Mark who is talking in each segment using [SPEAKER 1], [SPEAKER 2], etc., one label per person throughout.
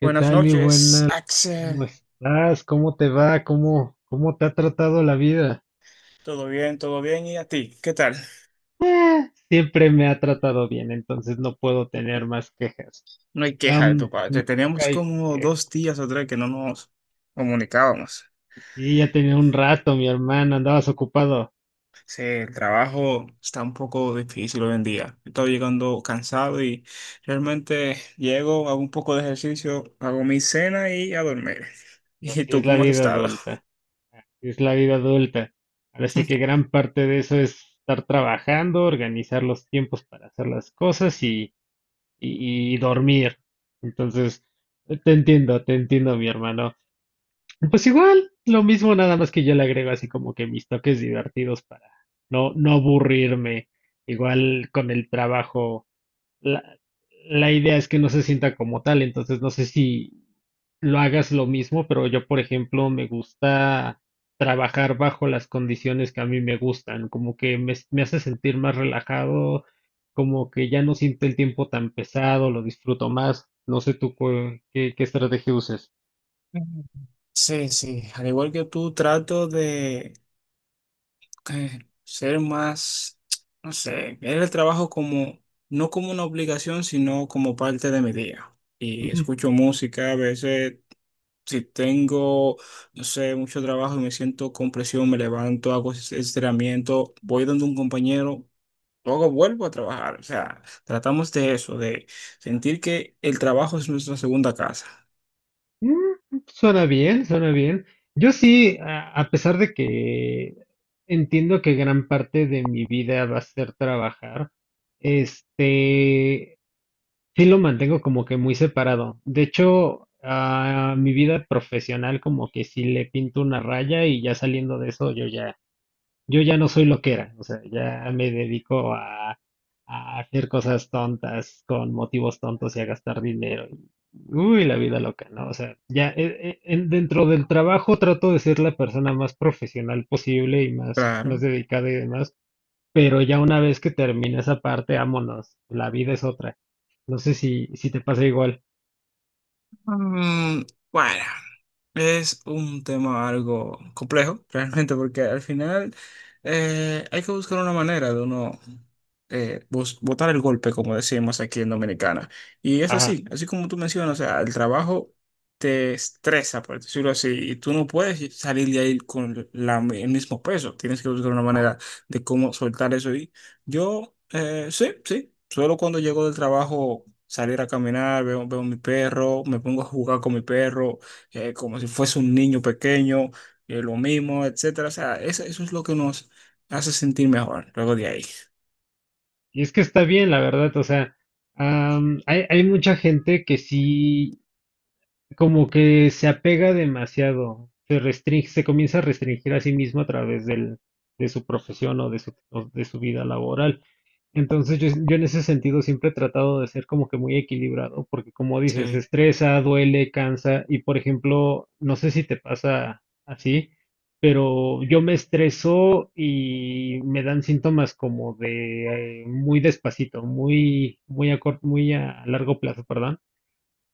[SPEAKER 1] ¿Qué
[SPEAKER 2] Buenas
[SPEAKER 1] tal, mi
[SPEAKER 2] noches,
[SPEAKER 1] buena? ¿Cómo
[SPEAKER 2] Axel.
[SPEAKER 1] estás? ¿Cómo te va? ¿Cómo te ha tratado la vida?
[SPEAKER 2] ¿Todo bien? ¿Todo bien? ¿Y a ti? ¿Qué tal?
[SPEAKER 1] Ah, siempre me ha tratado bien, entonces no puedo tener más quejas.
[SPEAKER 2] No hay queja de tu
[SPEAKER 1] Am, Nunca
[SPEAKER 2] parte. Teníamos
[SPEAKER 1] hay
[SPEAKER 2] como
[SPEAKER 1] quejas.
[SPEAKER 2] 2 días o 3 que no nos comunicábamos.
[SPEAKER 1] Sí, ya tenía un rato, mi hermana, andabas ocupado.
[SPEAKER 2] Sí, el trabajo está un poco difícil hoy en día. Estoy llegando cansado y realmente llego, hago un poco de ejercicio, hago mi cena y a dormir.
[SPEAKER 1] Pero
[SPEAKER 2] ¿Y
[SPEAKER 1] así es
[SPEAKER 2] tú
[SPEAKER 1] la
[SPEAKER 2] cómo has
[SPEAKER 1] vida
[SPEAKER 2] estado?
[SPEAKER 1] adulta, así es la vida adulta. Ahora sí que gran parte de eso es estar trabajando, organizar los tiempos para hacer las cosas y dormir. Entonces, te entiendo, mi hermano. Pues igual, lo mismo, nada más que yo le agrego así como que mis toques divertidos para no aburrirme. Igual con el trabajo, la, la idea es que no se sienta como tal, entonces no sé si lo hagas lo mismo, pero yo, por ejemplo, me gusta trabajar bajo las condiciones que a mí me gustan, como que me hace sentir más relajado, como que ya no siento el tiempo tan pesado, lo disfruto más. No sé tú qué estrategia uses.
[SPEAKER 2] Sí, sí, al igual que tú, trato de ser más, no sé, ver el trabajo como, no como una obligación, sino como parte de mi día. Y escucho música, a veces si tengo, no sé, mucho trabajo y me siento con presión, me levanto, hago estiramiento, voy donde un compañero. Luego vuelvo a trabajar, o sea, tratamos de eso, de sentir que el trabajo es nuestra segunda casa.
[SPEAKER 1] Suena bien, suena bien. Yo sí, a pesar de que entiendo que gran parte de mi vida va a ser trabajar, este, sí lo mantengo como que muy separado. De hecho, a mi vida profesional como que sí le pinto una raya y ya saliendo de eso yo ya no soy lo que era, o sea, ya me dedico a hacer cosas tontas con motivos tontos y a gastar dinero. Y, uy, la vida loca, ¿no? O sea, ya dentro del trabajo trato de ser la persona más profesional posible y más, más
[SPEAKER 2] Claro.
[SPEAKER 1] dedicada y demás, pero ya una vez que termina esa parte, vámonos, la vida es otra. No sé si te pasa igual.
[SPEAKER 2] Mm, bueno. Es un tema algo complejo, realmente, porque al final hay que buscar una manera de uno botar el golpe, como decimos aquí en Dominicana. Y es
[SPEAKER 1] Ajá,
[SPEAKER 2] así, así como tú mencionas, o sea, el trabajo te estresa, por decirlo así, y tú no puedes salir de ahí con el mismo peso. Tienes que buscar una
[SPEAKER 1] ajá.
[SPEAKER 2] manera de cómo soltar eso. Y yo, sí, sí, solo cuando llego del trabajo, salir a caminar, veo, veo a mi perro, me pongo a jugar con mi perro como si fuese un niño pequeño, lo mismo, etcétera. O sea, eso es lo que nos hace sentir mejor luego de ahí.
[SPEAKER 1] Y es que está bien, la verdad, o sea. Hay mucha gente que sí, como que se apega demasiado, se restringe, se comienza a restringir a sí mismo a través de su profesión o de su vida laboral. Entonces yo en ese sentido siempre he tratado de ser como que muy equilibrado, porque como dices,
[SPEAKER 2] Sí.
[SPEAKER 1] estresa, duele, cansa, y por ejemplo, no sé si te pasa así, pero yo me estreso y me dan síntomas como de muy despacito, muy a corto, muy a largo plazo, perdón.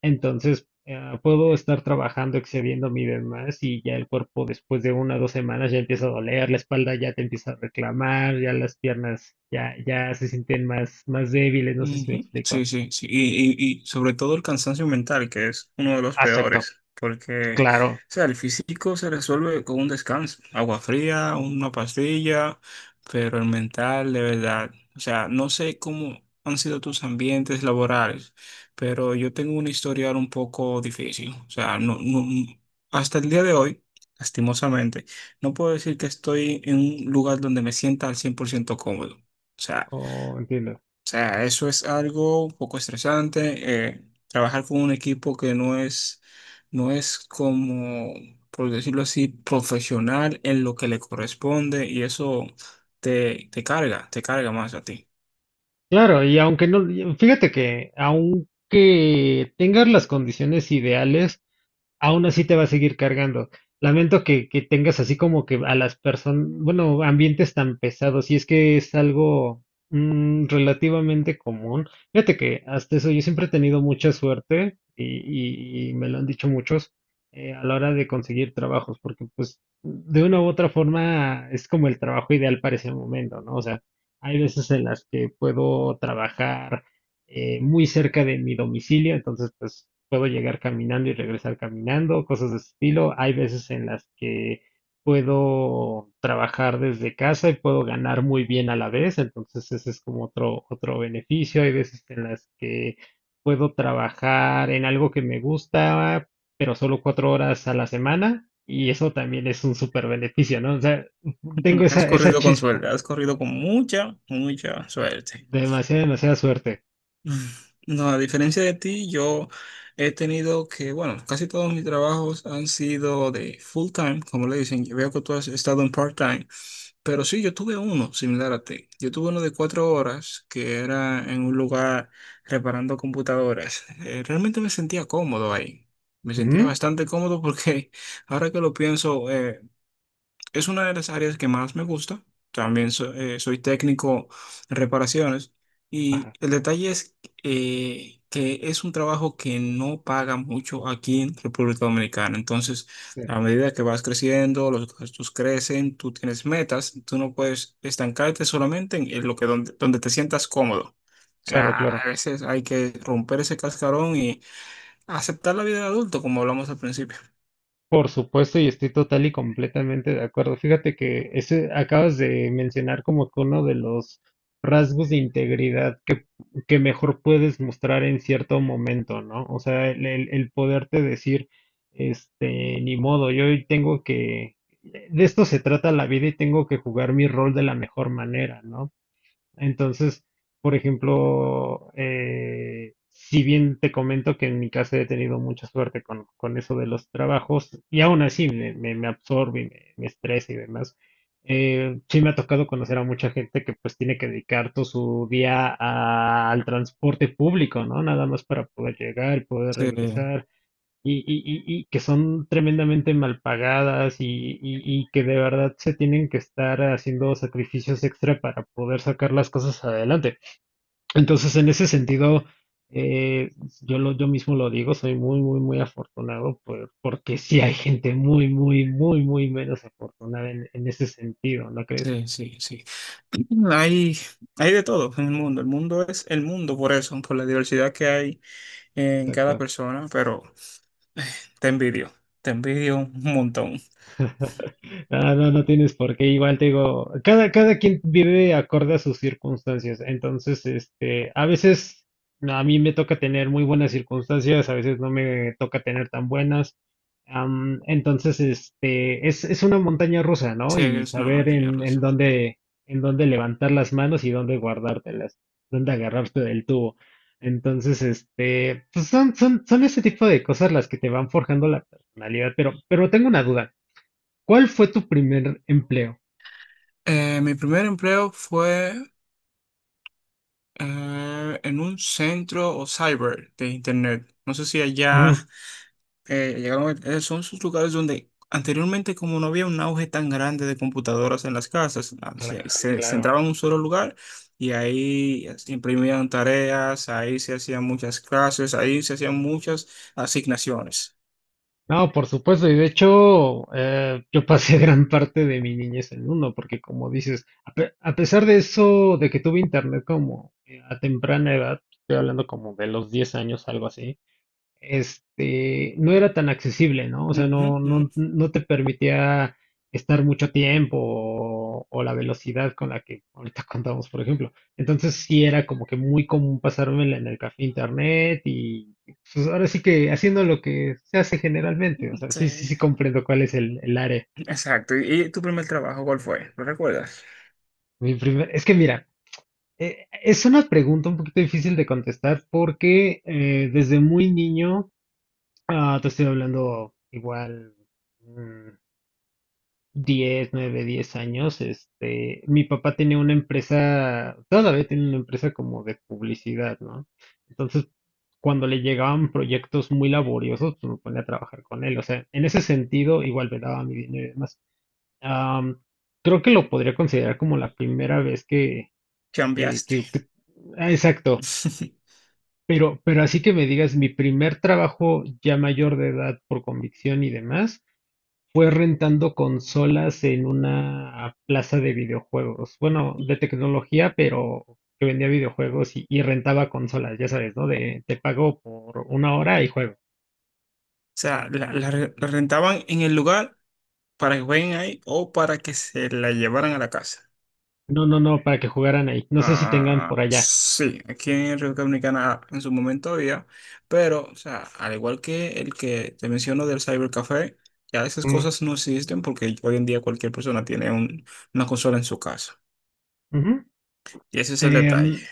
[SPEAKER 1] Entonces, puedo estar trabajando excediendo mi demás y ya el cuerpo después de 1 o 2 semanas ya empieza a doler, la espalda ya te empieza a reclamar, ya las piernas ya se sienten más, más débiles, no sé si me
[SPEAKER 2] Ujú.
[SPEAKER 1] explico.
[SPEAKER 2] Sí, sí, sí. Y sobre todo el cansancio mental, que es uno de los
[SPEAKER 1] Acepto,
[SPEAKER 2] peores, porque, o
[SPEAKER 1] claro.
[SPEAKER 2] sea, el físico se resuelve con un descanso, agua fría, una pastilla, pero el mental, de verdad, o sea, no sé cómo han sido tus ambientes laborales, pero yo tengo un historial un poco difícil, o sea, no, no, hasta el día de hoy, lastimosamente, no puedo decir que estoy en un lugar donde me sienta al 100% cómodo. O sea,
[SPEAKER 1] Oh, entiendo.
[SPEAKER 2] sea, eso es algo un poco estresante. Trabajar con un equipo que no es, no es como, por decirlo así, profesional en lo que le corresponde y eso te, te carga más a ti.
[SPEAKER 1] Claro, y aunque no, y fíjate que aunque tengas las condiciones ideales, aún así te va a seguir cargando. Lamento que tengas así como que a las personas, bueno, ambientes tan pesados, y es que es algo relativamente común. Fíjate que hasta eso yo siempre he tenido mucha suerte y me lo han dicho muchos a la hora de conseguir trabajos, porque pues de una u otra forma es como el trabajo ideal para ese momento, ¿no? O sea, hay veces en las que puedo trabajar muy cerca de mi domicilio, entonces pues puedo llegar caminando y regresar caminando, cosas de ese estilo. Hay veces en las que puedo trabajar desde casa y puedo ganar muy bien a la vez, entonces ese es como otro, otro beneficio. Hay veces en las que puedo trabajar en algo que me gusta, pero solo 4 horas a la semana y eso también es un súper beneficio, ¿no? O sea, tengo
[SPEAKER 2] Has
[SPEAKER 1] esa
[SPEAKER 2] corrido con
[SPEAKER 1] chispa,
[SPEAKER 2] suerte, has corrido con mucha, mucha suerte.
[SPEAKER 1] demasiada, demasiada suerte.
[SPEAKER 2] Mm. No, a diferencia de ti, yo he tenido que, bueno, casi todos mis trabajos han sido de full time, como le dicen. Yo veo que tú has estado en part time. Pero sí, yo tuve uno similar a ti. Yo tuve uno de 4 horas que era en un lugar reparando computadoras. Realmente me sentía cómodo ahí. Me sentía
[SPEAKER 1] Ujú.
[SPEAKER 2] bastante cómodo porque ahora que lo pienso, es una de las áreas que más me gusta. También soy técnico en reparaciones. Y
[SPEAKER 1] Ajá,
[SPEAKER 2] el detalle es que es un trabajo que no paga mucho aquí en República Dominicana. Entonces,
[SPEAKER 1] sí,
[SPEAKER 2] a medida que vas creciendo, los gastos crecen, tú tienes metas, tú no puedes estancarte solamente en lo que donde, donde te sientas cómodo. O
[SPEAKER 1] claro,
[SPEAKER 2] sea,
[SPEAKER 1] claro.
[SPEAKER 2] a veces hay que romper ese cascarón y aceptar la vida de adulto, como hablamos al principio.
[SPEAKER 1] Por supuesto, y estoy total y completamente de acuerdo. Fíjate que ese acabas de mencionar como que uno de los rasgos de integridad que mejor puedes mostrar en cierto momento, ¿no? O sea, el poderte decir, este, ni modo, yo hoy tengo que, de esto se trata la vida y tengo que jugar mi rol de la mejor manera, ¿no? Entonces, por ejemplo, si bien te comento que en mi caso he tenido mucha suerte con eso de los trabajos, y aún así me absorbe, y me estresa y demás, sí me ha tocado conocer a mucha gente que pues tiene que dedicar todo su día al transporte público, ¿no? Nada más para poder llegar y poder
[SPEAKER 2] Sí.
[SPEAKER 1] regresar y que son tremendamente mal pagadas y que de verdad se tienen que estar haciendo sacrificios extra para poder sacar las cosas adelante. Entonces, en ese sentido, eh, yo mismo lo digo, soy muy, muy, muy afortunado porque sí hay gente muy, muy, muy, muy menos afortunada en ese sentido, ¿no crees?
[SPEAKER 2] Sí, sí, sí. Hay, hay de todo en el mundo. El mundo es el mundo por eso, por la diversidad que hay en cada
[SPEAKER 1] Exacto.
[SPEAKER 2] persona, pero te envidio, te envidio un montón.
[SPEAKER 1] No, no, no tienes por qué. Igual te digo, cada quien vive acorde a sus circunstancias. Entonces, este, a veces no, a mí me toca tener muy buenas circunstancias, a veces no me toca tener tan buenas. Entonces, este, es, una montaña rusa, ¿no?
[SPEAKER 2] Sí,
[SPEAKER 1] Y
[SPEAKER 2] es una
[SPEAKER 1] saber
[SPEAKER 2] montaña
[SPEAKER 1] en, en
[SPEAKER 2] rusa.
[SPEAKER 1] dónde, en dónde levantar las manos y dónde guardártelas, dónde agarrarte del tubo. Entonces, este, pues son ese tipo de cosas las que te van forjando la personalidad. Pero tengo una duda. ¿Cuál fue tu primer empleo?
[SPEAKER 2] Mi primer empleo fue. En un centro o cyber de internet. No sé si allá
[SPEAKER 1] Ujú.
[SPEAKER 2] llegaron, son sus lugares donde anteriormente, como no había un auge tan grande de computadoras en las casas,
[SPEAKER 1] Claro,
[SPEAKER 2] se, se, se
[SPEAKER 1] claro.
[SPEAKER 2] entraba en un solo lugar y ahí se imprimían tareas, ahí se hacían muchas clases, ahí se hacían muchas asignaciones.
[SPEAKER 1] No, por supuesto, y de hecho, yo pasé gran parte de mi niñez en uno, porque como dices, a pesar de eso, de que tuve internet como a temprana edad, estoy hablando como de los 10 años, algo así, este, no era tan accesible, ¿no? O sea,
[SPEAKER 2] Ujú,
[SPEAKER 1] no,
[SPEAKER 2] ujú.
[SPEAKER 1] no, no te permitía estar mucho tiempo o la velocidad con la que ahorita contamos, por ejemplo. Entonces sí era como que muy común pasármela en el café internet y pues ahora sí que haciendo lo que se hace generalmente. O sea, sí, sí,
[SPEAKER 2] Sí,
[SPEAKER 1] sí comprendo cuál es el área.
[SPEAKER 2] exacto. ¿Y tu primer trabajo cuál fue? ¿Lo recuerdas?
[SPEAKER 1] Es que mira, es una pregunta un poquito difícil de contestar porque desde muy niño, te estoy hablando igual. mm, Diez 9 10 años, este, mi papá tenía una empresa, todavía tiene una empresa como de publicidad, ¿no? Entonces, cuando le llegaban proyectos muy laboriosos, pues me ponía a trabajar con él. O sea, en ese sentido, igual me daba mi dinero y demás. Am, creo que lo podría considerar como la primera vez que, que,
[SPEAKER 2] Cambiaste.
[SPEAKER 1] que ut- ah, exacto. Pero así que me digas, mi primer trabajo ya mayor de edad por convicción y demás. Fue rentando consolas en una plaza de videojuegos, bueno, de tecnología, pero que vendía videojuegos y rentaba consolas, ya sabes, ¿no? De te pago por 1 hora y juego.
[SPEAKER 2] O sea, la, la rentaban en el lugar para que jueguen ahí o para que se la llevaran a la casa.
[SPEAKER 1] No, no, no, para que jugaran ahí. No sé si tengan por
[SPEAKER 2] Ah,
[SPEAKER 1] allá.
[SPEAKER 2] sí, aquí en República Dominicana en su momento había, pero, o sea, al igual que el que te menciono del cybercafé, ya esas
[SPEAKER 1] Mm.
[SPEAKER 2] cosas no existen porque hoy en día cualquier persona tiene un- una consola en su casa.
[SPEAKER 1] Ujú.
[SPEAKER 2] Y ese es el detalle.
[SPEAKER 1] Em,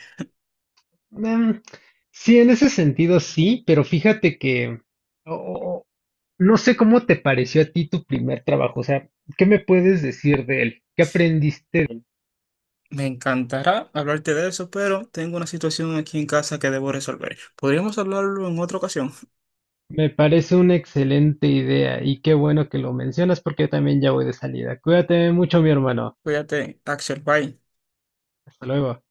[SPEAKER 1] em, sí, en ese sentido sí, pero fíjate que o- o- o, no sé cómo te pareció a ti tu primer trabajo, o sea, ¿qué me puedes decir de él? ¿Qué aprendiste?
[SPEAKER 2] Me encantará hablarte de eso, pero tengo una situación aquí en casa que debo resolver. Podríamos hablarlo en otra ocasión.
[SPEAKER 1] Me parece una excelente idea y qué bueno que lo mencionas porque yo también ya voy de salida. Cuídate mucho, mi hermano.
[SPEAKER 2] Cuídate, Axel, bye.
[SPEAKER 1] Hasta luego.